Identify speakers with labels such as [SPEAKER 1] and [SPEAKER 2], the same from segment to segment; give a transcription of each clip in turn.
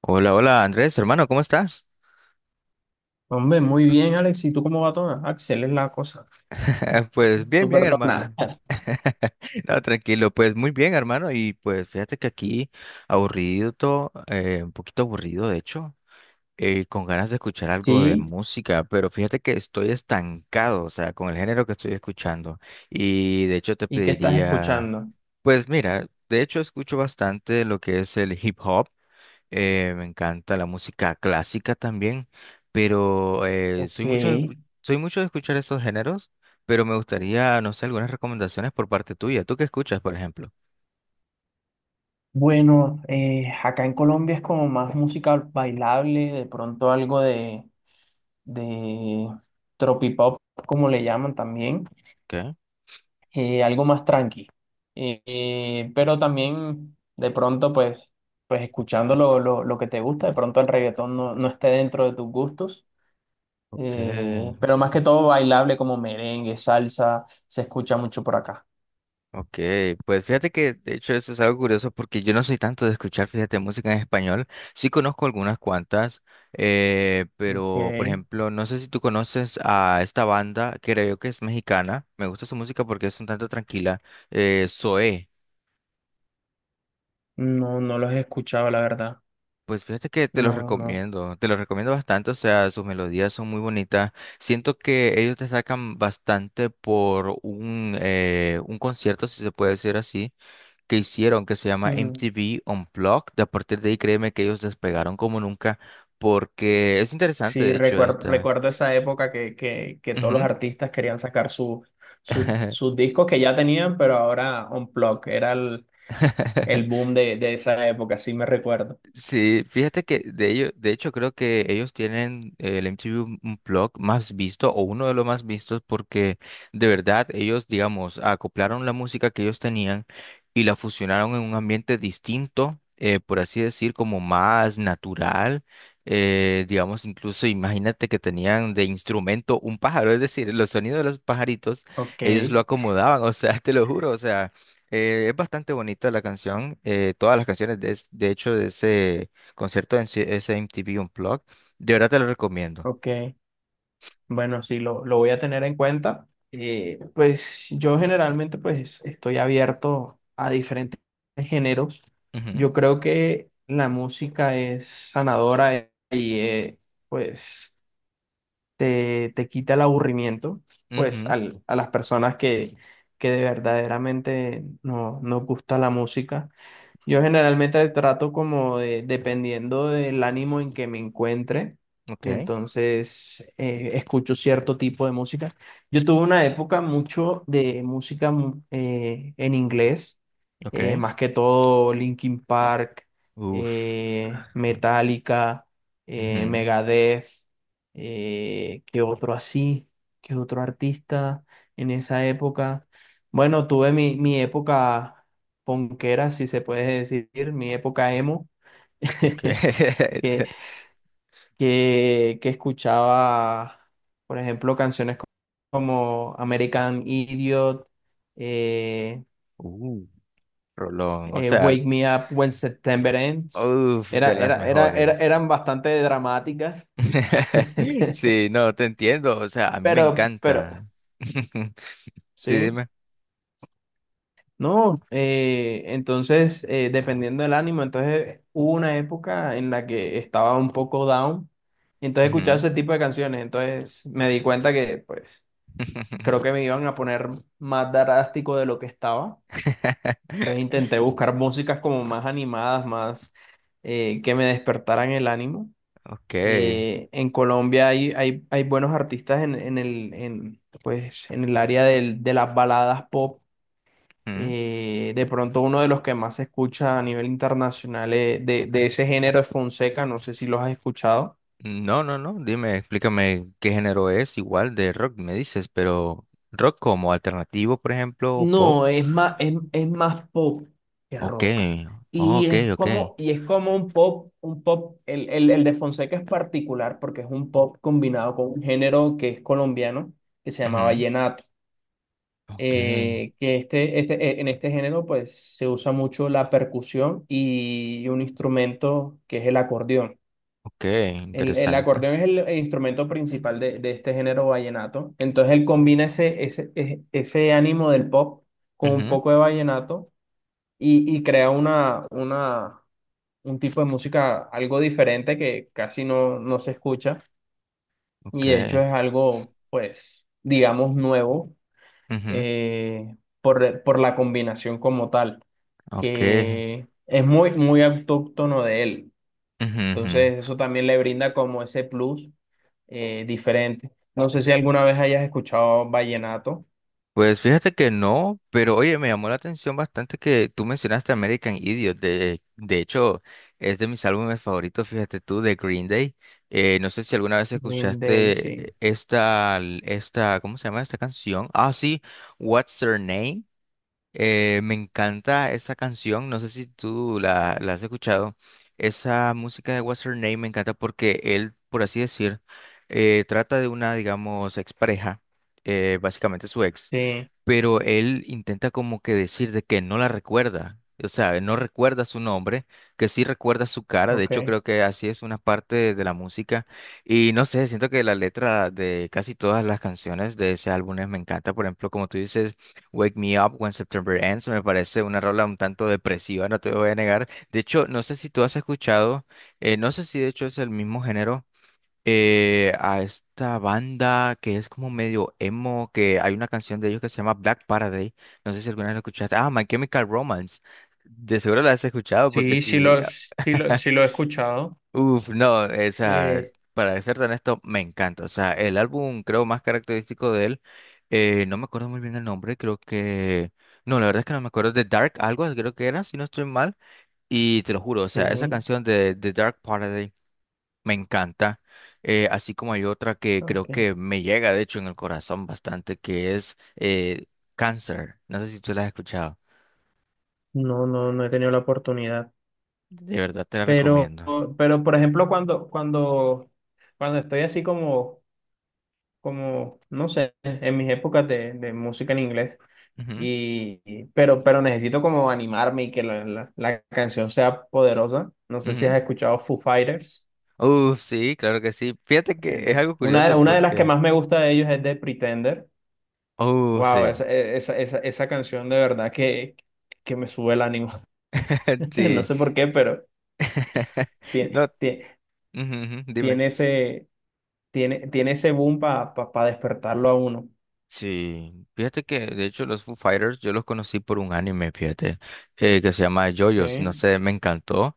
[SPEAKER 1] Hola, hola Andrés, hermano, ¿cómo estás?
[SPEAKER 2] Hombre, muy bien, Alex. ¿Y tú cómo va todo? Axel, es la cosa.
[SPEAKER 1] Pues bien,
[SPEAKER 2] Tú
[SPEAKER 1] bien,
[SPEAKER 2] perdona.
[SPEAKER 1] hermano. No, tranquilo, pues muy bien, hermano. Y pues fíjate que aquí aburrido, todo, un poquito aburrido, de hecho, con ganas de escuchar algo de
[SPEAKER 2] Sí,
[SPEAKER 1] música, pero fíjate que estoy estancado, o sea, con el género que estoy escuchando. Y de hecho te
[SPEAKER 2] ¿y qué estás
[SPEAKER 1] pediría,
[SPEAKER 2] escuchando?
[SPEAKER 1] pues mira, de hecho escucho bastante lo que es el hip hop. Me encanta la música clásica también, pero
[SPEAKER 2] Ok,
[SPEAKER 1] soy mucho soy mucho de escuchar esos géneros, pero me gustaría, no sé, algunas recomendaciones por parte tuya. ¿Tú qué escuchas, por ejemplo?
[SPEAKER 2] bueno, acá en Colombia es como más música bailable, de pronto algo de tropipop, como le llaman también,
[SPEAKER 1] ¿Qué?
[SPEAKER 2] algo más tranqui. Pero también de pronto, pues, pues escuchando lo que te gusta, de pronto el reggaetón no, no esté dentro de tus gustos. Eh,
[SPEAKER 1] Okay.
[SPEAKER 2] pero más que todo bailable como merengue, salsa, se escucha mucho por acá.
[SPEAKER 1] Okay. Pues fíjate que de hecho eso es algo curioso porque yo no soy tanto de escuchar, fíjate, música en español. Sí conozco algunas cuantas, pero por
[SPEAKER 2] Ok.
[SPEAKER 1] ejemplo, no sé si tú conoces a esta banda, creo que es mexicana. Me gusta su música porque es un tanto tranquila. Zoé.
[SPEAKER 2] No, no los he escuchado, la verdad.
[SPEAKER 1] Pues fíjate que
[SPEAKER 2] No, no.
[SPEAKER 1] te los recomiendo bastante, o sea, sus melodías son muy bonitas. Siento que ellos te sacan bastante por un concierto, si se puede decir así, que hicieron, que se llama
[SPEAKER 2] Mm.
[SPEAKER 1] MTV Unplugged. De a partir de ahí, créeme que ellos despegaron como nunca, porque es interesante,
[SPEAKER 2] Sí,
[SPEAKER 1] de hecho,
[SPEAKER 2] recuerdo,
[SPEAKER 1] esta.
[SPEAKER 2] recuerdo esa época que todos los
[SPEAKER 1] Ujú.
[SPEAKER 2] artistas querían sacar sus discos que ya tenían, pero ahora Unplugged era el boom de esa época, sí me recuerdo.
[SPEAKER 1] Sí, fíjate que de hecho creo que ellos tienen el MTV Unplugged más visto o uno de los más vistos porque de verdad ellos, digamos, acoplaron la música que ellos tenían y la fusionaron en un ambiente distinto, por así decir, como más natural. Digamos, incluso imagínate que tenían de instrumento un pájaro, es decir, los sonidos de los pajaritos,
[SPEAKER 2] Ok,
[SPEAKER 1] ellos lo acomodaban, o sea, te lo juro, o sea. Es bastante bonita la canción. Todas las canciones, de hecho, de ese concierto, ese MTV Unplugged, de verdad te lo recomiendo.
[SPEAKER 2] ok. Bueno, sí, lo voy a tener en cuenta. Pues yo generalmente pues estoy abierto a diferentes géneros.
[SPEAKER 1] Ujú,
[SPEAKER 2] Yo creo que la música es sanadora, y pues te quita el aburrimiento pues
[SPEAKER 1] ujú,
[SPEAKER 2] a las personas que de verdaderamente no, nos gusta la música. Yo generalmente trato como de, dependiendo del ánimo en que me encuentre,
[SPEAKER 1] ok,
[SPEAKER 2] entonces escucho cierto tipo de música. Yo tuve una época mucho de música en inglés,
[SPEAKER 1] ok.
[SPEAKER 2] más que todo Linkin Park,
[SPEAKER 1] Uf,
[SPEAKER 2] Metallica,
[SPEAKER 1] ujú,
[SPEAKER 2] Megadeth, ¿qué otro así? ¿Qué otro artista en esa época? Bueno, tuve mi, mi época ponquera, si se puede decir, mi época emo,
[SPEAKER 1] ok.
[SPEAKER 2] que, que escuchaba, por ejemplo, como American Idiot, eh,
[SPEAKER 1] Uh, Rolón, o sea,
[SPEAKER 2] Wake Me Up When September Ends.
[SPEAKER 1] uf, de las mejores.
[SPEAKER 2] Eran bastante dramáticas,
[SPEAKER 1] Sí, no, te entiendo. O sea, a mí me
[SPEAKER 2] pero,
[SPEAKER 1] encanta. Sí,
[SPEAKER 2] sí.
[SPEAKER 1] dime.
[SPEAKER 2] No, entonces, dependiendo del ánimo, entonces hubo una época en la que estaba un poco down, y entonces escuchaba
[SPEAKER 1] Ujú.
[SPEAKER 2] ese tipo de canciones. Entonces me di cuenta que, pues, creo que me iban a poner más drástico de lo que estaba, entonces intenté buscar músicas como más animadas, más que me despertaran el ánimo.
[SPEAKER 1] Ok.
[SPEAKER 2] En Colombia hay buenos artistas pues, en el área de las baladas pop, de pronto uno de los que más se escucha a nivel internacional, de ese género es Fonseca, no sé si los has escuchado.
[SPEAKER 1] No, no, no. Dime, explícame qué género es, igual de rock me dices, pero rock como alternativo, por ejemplo, o pop.
[SPEAKER 2] No, es más pop que
[SPEAKER 1] Ok,
[SPEAKER 2] rock.
[SPEAKER 1] oh, ok, ok.
[SPEAKER 2] Y es como un pop, el de Fonseca es particular porque es un pop combinado con un género que es colombiano, que se llama
[SPEAKER 1] Ujú.
[SPEAKER 2] vallenato.
[SPEAKER 1] Ok,
[SPEAKER 2] Que este, en este género pues se usa mucho la percusión y un instrumento que es el acordeón.
[SPEAKER 1] ok,
[SPEAKER 2] El
[SPEAKER 1] interesante.
[SPEAKER 2] acordeón es el instrumento principal de este género vallenato. Entonces él combina ese ánimo del pop con un
[SPEAKER 1] Ujú.
[SPEAKER 2] poco de vallenato y crea una, un tipo de música algo diferente que casi no, no se escucha.
[SPEAKER 1] Ok,
[SPEAKER 2] Y de hecho es algo, pues, digamos, nuevo,
[SPEAKER 1] ujú,
[SPEAKER 2] eh, por la combinación como tal,
[SPEAKER 1] ok,
[SPEAKER 2] que es muy, muy autóctono de él.
[SPEAKER 1] ujú, ujú.
[SPEAKER 2] Entonces, eso también le brinda como ese plus diferente. No sé si alguna vez hayas escuchado vallenato.
[SPEAKER 1] Pues fíjate que no, pero oye, me llamó la atención bastante que tú mencionaste American Idiot. De hecho, es de mis álbumes favoritos, fíjate tú, de Green Day. No sé si alguna vez
[SPEAKER 2] Green Day,
[SPEAKER 1] escuchaste
[SPEAKER 2] sí.
[SPEAKER 1] esta, ¿cómo se llama esta canción? Ah, sí, What's Her Name. Me encanta esa canción, no sé si tú la has escuchado. Esa música de What's Her Name me encanta porque él, por así decir, trata de una, digamos, expareja, básicamente su ex,
[SPEAKER 2] Sí,
[SPEAKER 1] pero él intenta como que decir de que no la recuerda, o sea, no recuerda su nombre, que sí recuerda su cara, de
[SPEAKER 2] ok.
[SPEAKER 1] hecho creo que así es una parte de la música y no sé, siento que la letra de casi todas las canciones de ese álbum me encanta, por ejemplo, como tú dices. Wake Me Up When September Ends me parece una rola un tanto depresiva, no te voy a negar. De hecho, no sé si tú has escuchado, no sé si de hecho es el mismo género, a esta banda que es como medio emo, que hay una canción de ellos que se llama Black Paradise. No sé si alguna vez la escuchaste. Ah, My Chemical Romance. De seguro la has escuchado porque
[SPEAKER 2] Sí sí
[SPEAKER 1] si...
[SPEAKER 2] lo, sí lo, sí lo he escuchado.
[SPEAKER 1] Uf, no, o sea,
[SPEAKER 2] Eh,
[SPEAKER 1] para ser honesto, me encanta. O sea, el álbum creo más característico de él, no me acuerdo muy bien el nombre, creo que... No, la verdad es que no me acuerdo de Dark, algo creo que era, si no estoy mal. Y te lo juro, o sea, esa
[SPEAKER 2] sí,
[SPEAKER 1] canción de, The Dark Paradise me encanta. Así como hay otra que creo
[SPEAKER 2] ok.
[SPEAKER 1] que me llega, de hecho, en el corazón bastante, que es Cancer. No sé si tú la has escuchado.
[SPEAKER 2] No, no, no he tenido la oportunidad.
[SPEAKER 1] De verdad te la
[SPEAKER 2] Pero,
[SPEAKER 1] recomiendo.
[SPEAKER 2] pero por ejemplo, cuando estoy así como, como, no sé, en mis épocas de música en inglés.
[SPEAKER 1] Ujú,
[SPEAKER 2] Y, pero necesito como animarme y que la canción sea poderosa. No sé si
[SPEAKER 1] ujú.
[SPEAKER 2] has escuchado Foo Fighters.
[SPEAKER 1] Sí, claro que sí. Fíjate que es algo
[SPEAKER 2] Una,
[SPEAKER 1] curioso
[SPEAKER 2] una de las que
[SPEAKER 1] porque...
[SPEAKER 2] más me gusta de ellos es de Pretender. Wow,
[SPEAKER 1] Sí.
[SPEAKER 2] esa, e, esa, esa, esa canción de verdad que me sube el ánimo. No
[SPEAKER 1] Sí.
[SPEAKER 2] sé por qué, pero
[SPEAKER 1] No,
[SPEAKER 2] tiene,
[SPEAKER 1] ujú, ujú, dime.
[SPEAKER 2] tiene ese, tiene, tiene ese boom para pa despertarlo a uno.
[SPEAKER 1] Sí, fíjate que de hecho los Foo Fighters yo los conocí por un anime, fíjate, que se llama JoJo's, no
[SPEAKER 2] Sí.
[SPEAKER 1] sé, me encantó.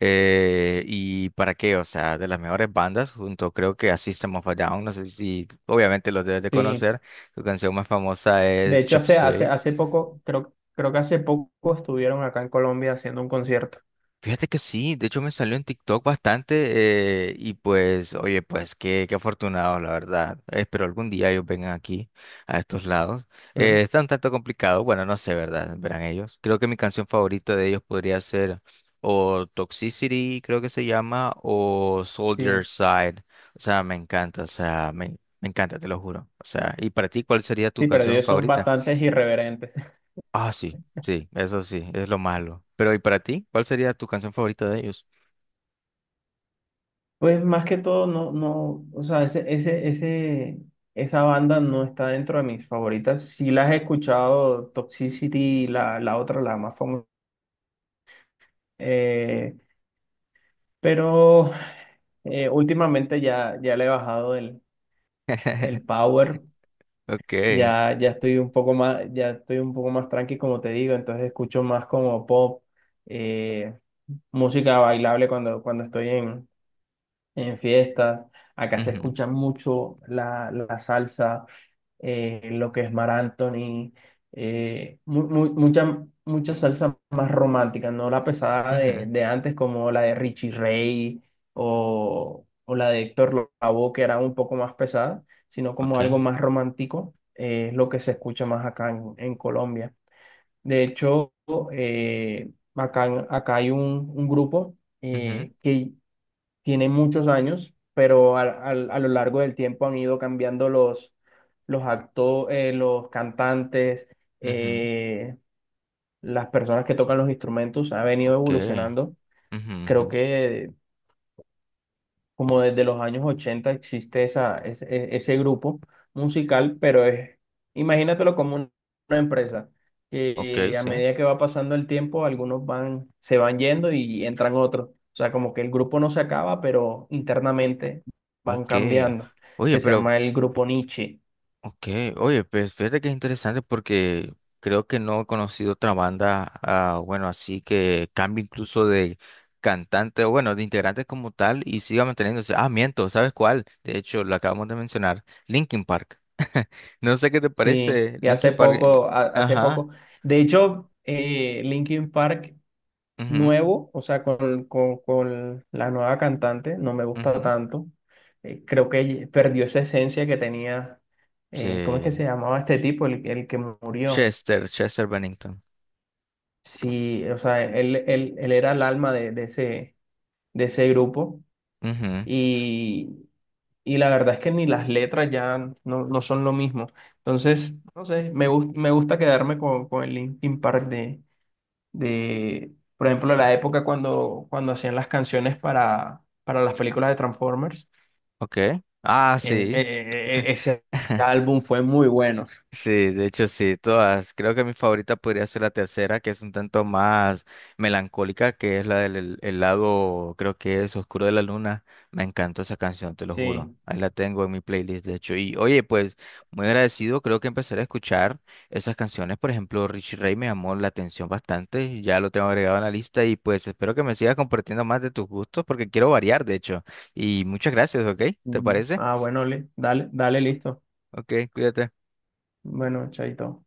[SPEAKER 1] Y para qué, o sea, de las mejores bandas, junto creo que a System of a Down, no sé si obviamente los debes de
[SPEAKER 2] Sí.
[SPEAKER 1] conocer, su canción más famosa
[SPEAKER 2] De
[SPEAKER 1] es
[SPEAKER 2] hecho,
[SPEAKER 1] Chop Suey.
[SPEAKER 2] hace poco, creo, creo que hace poco estuvieron acá en Colombia haciendo un concierto.
[SPEAKER 1] Fíjate que sí, de hecho me salió en TikTok bastante y pues, oye, pues qué, qué afortunados, la verdad. Espero algún día ellos vengan aquí, a estos lados.
[SPEAKER 2] Mm.
[SPEAKER 1] Está un tanto complicado, bueno, no sé, ¿verdad? Verán ellos. Creo que mi canción favorita de ellos podría ser o Toxicity, creo que se llama, o Soldier
[SPEAKER 2] Sí.
[SPEAKER 1] Side. O sea, me encanta, o sea, me encanta, te lo juro. O sea, ¿y para ti cuál sería tu
[SPEAKER 2] Sí, pero
[SPEAKER 1] canción
[SPEAKER 2] ellos son
[SPEAKER 1] favorita?
[SPEAKER 2] bastantes irreverentes.
[SPEAKER 1] Ah, sí, sí, eso sí, es lo malo. Pero ¿y para ti? ¿Cuál sería tu canción favorita de ellos?
[SPEAKER 2] Pues más que todo, no, no, o sea, esa banda no está dentro de mis favoritas. Sí las he escuchado, Toxicity, la otra, la más famosa. eh, pero Últimamente ya, ya le he bajado el power.
[SPEAKER 1] Okay.
[SPEAKER 2] Ya, ya estoy un poco más, ya estoy un poco más tranqui, como te digo. Entonces escucho más como pop, eh, música bailable cuando estoy en fiestas. Acá se
[SPEAKER 1] Ujú,
[SPEAKER 2] escucha mucho la, la salsa, lo que es Mar Anthony, mucha, mucha salsa más romántica, no la pesada
[SPEAKER 1] ujú,
[SPEAKER 2] de antes como la de Richie Ray o la de Héctor Lavoe, que era un poco más pesada, sino como algo
[SPEAKER 1] Okay.
[SPEAKER 2] más romántico. Es lo que se escucha más acá en Colombia. De hecho, eh, acá, acá hay un grupo
[SPEAKER 1] Ujú,
[SPEAKER 2] que tiene muchos años, pero lo largo del tiempo han ido cambiando los, los cantantes,
[SPEAKER 1] ujú,
[SPEAKER 2] eh, las personas que tocan los instrumentos, ha venido
[SPEAKER 1] Okay.
[SPEAKER 2] evolucionando.
[SPEAKER 1] Ujú, ujú,
[SPEAKER 2] Creo que como desde los años 80 existe esa, ese, ese grupo musical, pero es, imagínatelo como una empresa,
[SPEAKER 1] Okay,
[SPEAKER 2] que a
[SPEAKER 1] sí.
[SPEAKER 2] medida que va pasando el tiempo, algunos van, se van yendo y entran otros. O sea, como que el grupo no se acaba, pero internamente van
[SPEAKER 1] Okay.
[SPEAKER 2] cambiando,
[SPEAKER 1] Oye,
[SPEAKER 2] que se
[SPEAKER 1] pero
[SPEAKER 2] llama el grupo Nietzsche.
[SPEAKER 1] okay, oye, pues fíjate que es interesante porque creo que no he conocido otra banda ah, bueno, así que cambie incluso de cantante o bueno, de integrante como tal y siga manteniéndose. Ah, miento, ¿sabes cuál? De hecho, lo acabamos de mencionar, Linkin Park. No sé qué te
[SPEAKER 2] Sí,
[SPEAKER 1] parece,
[SPEAKER 2] y hace
[SPEAKER 1] Linkin Park.
[SPEAKER 2] poco, hace
[SPEAKER 1] Ajá.
[SPEAKER 2] poco, de hecho, Linkin Park
[SPEAKER 1] Ujú,
[SPEAKER 2] nuevo, o sea, con la nueva cantante, no me gusta
[SPEAKER 1] ujú,
[SPEAKER 2] tanto. Creo que ella perdió esa esencia que tenía. ¿Cómo es que
[SPEAKER 1] Sí.
[SPEAKER 2] se llamaba este tipo, el que murió?
[SPEAKER 1] Chester, Chester Bennington.
[SPEAKER 2] Sí, o sea, él era el alma de ese grupo
[SPEAKER 1] Ujú,
[SPEAKER 2] y, y la verdad es que ni las letras ya no, no son lo mismo. Entonces, no sé, me gusta quedarme con el Linkin Park de, por ejemplo, la época cuando, cuando hacían las canciones para las películas de Transformers.
[SPEAKER 1] Ok. Ah, sí.
[SPEAKER 2] Ese álbum fue muy bueno.
[SPEAKER 1] Sí, de hecho sí, todas. Creo que mi favorita podría ser la tercera, que es un tanto más melancólica, que es la del el lado, creo que es Oscuro de la Luna. Me encantó esa canción, te lo juro.
[SPEAKER 2] Sí.
[SPEAKER 1] Ahí la tengo en mi playlist, de hecho. Y oye, pues muy agradecido, creo que empezaré a escuchar esas canciones. Por ejemplo, Richie Ray me llamó la atención bastante, ya lo tengo agregado en la lista y pues espero que me sigas compartiendo más de tus gustos porque quiero variar, de hecho. Y muchas gracias, ¿ok? ¿Te
[SPEAKER 2] Mm.
[SPEAKER 1] parece?
[SPEAKER 2] Ah, bueno, dale, dale, listo.
[SPEAKER 1] Ok, cuídate.
[SPEAKER 2] Bueno, chaito.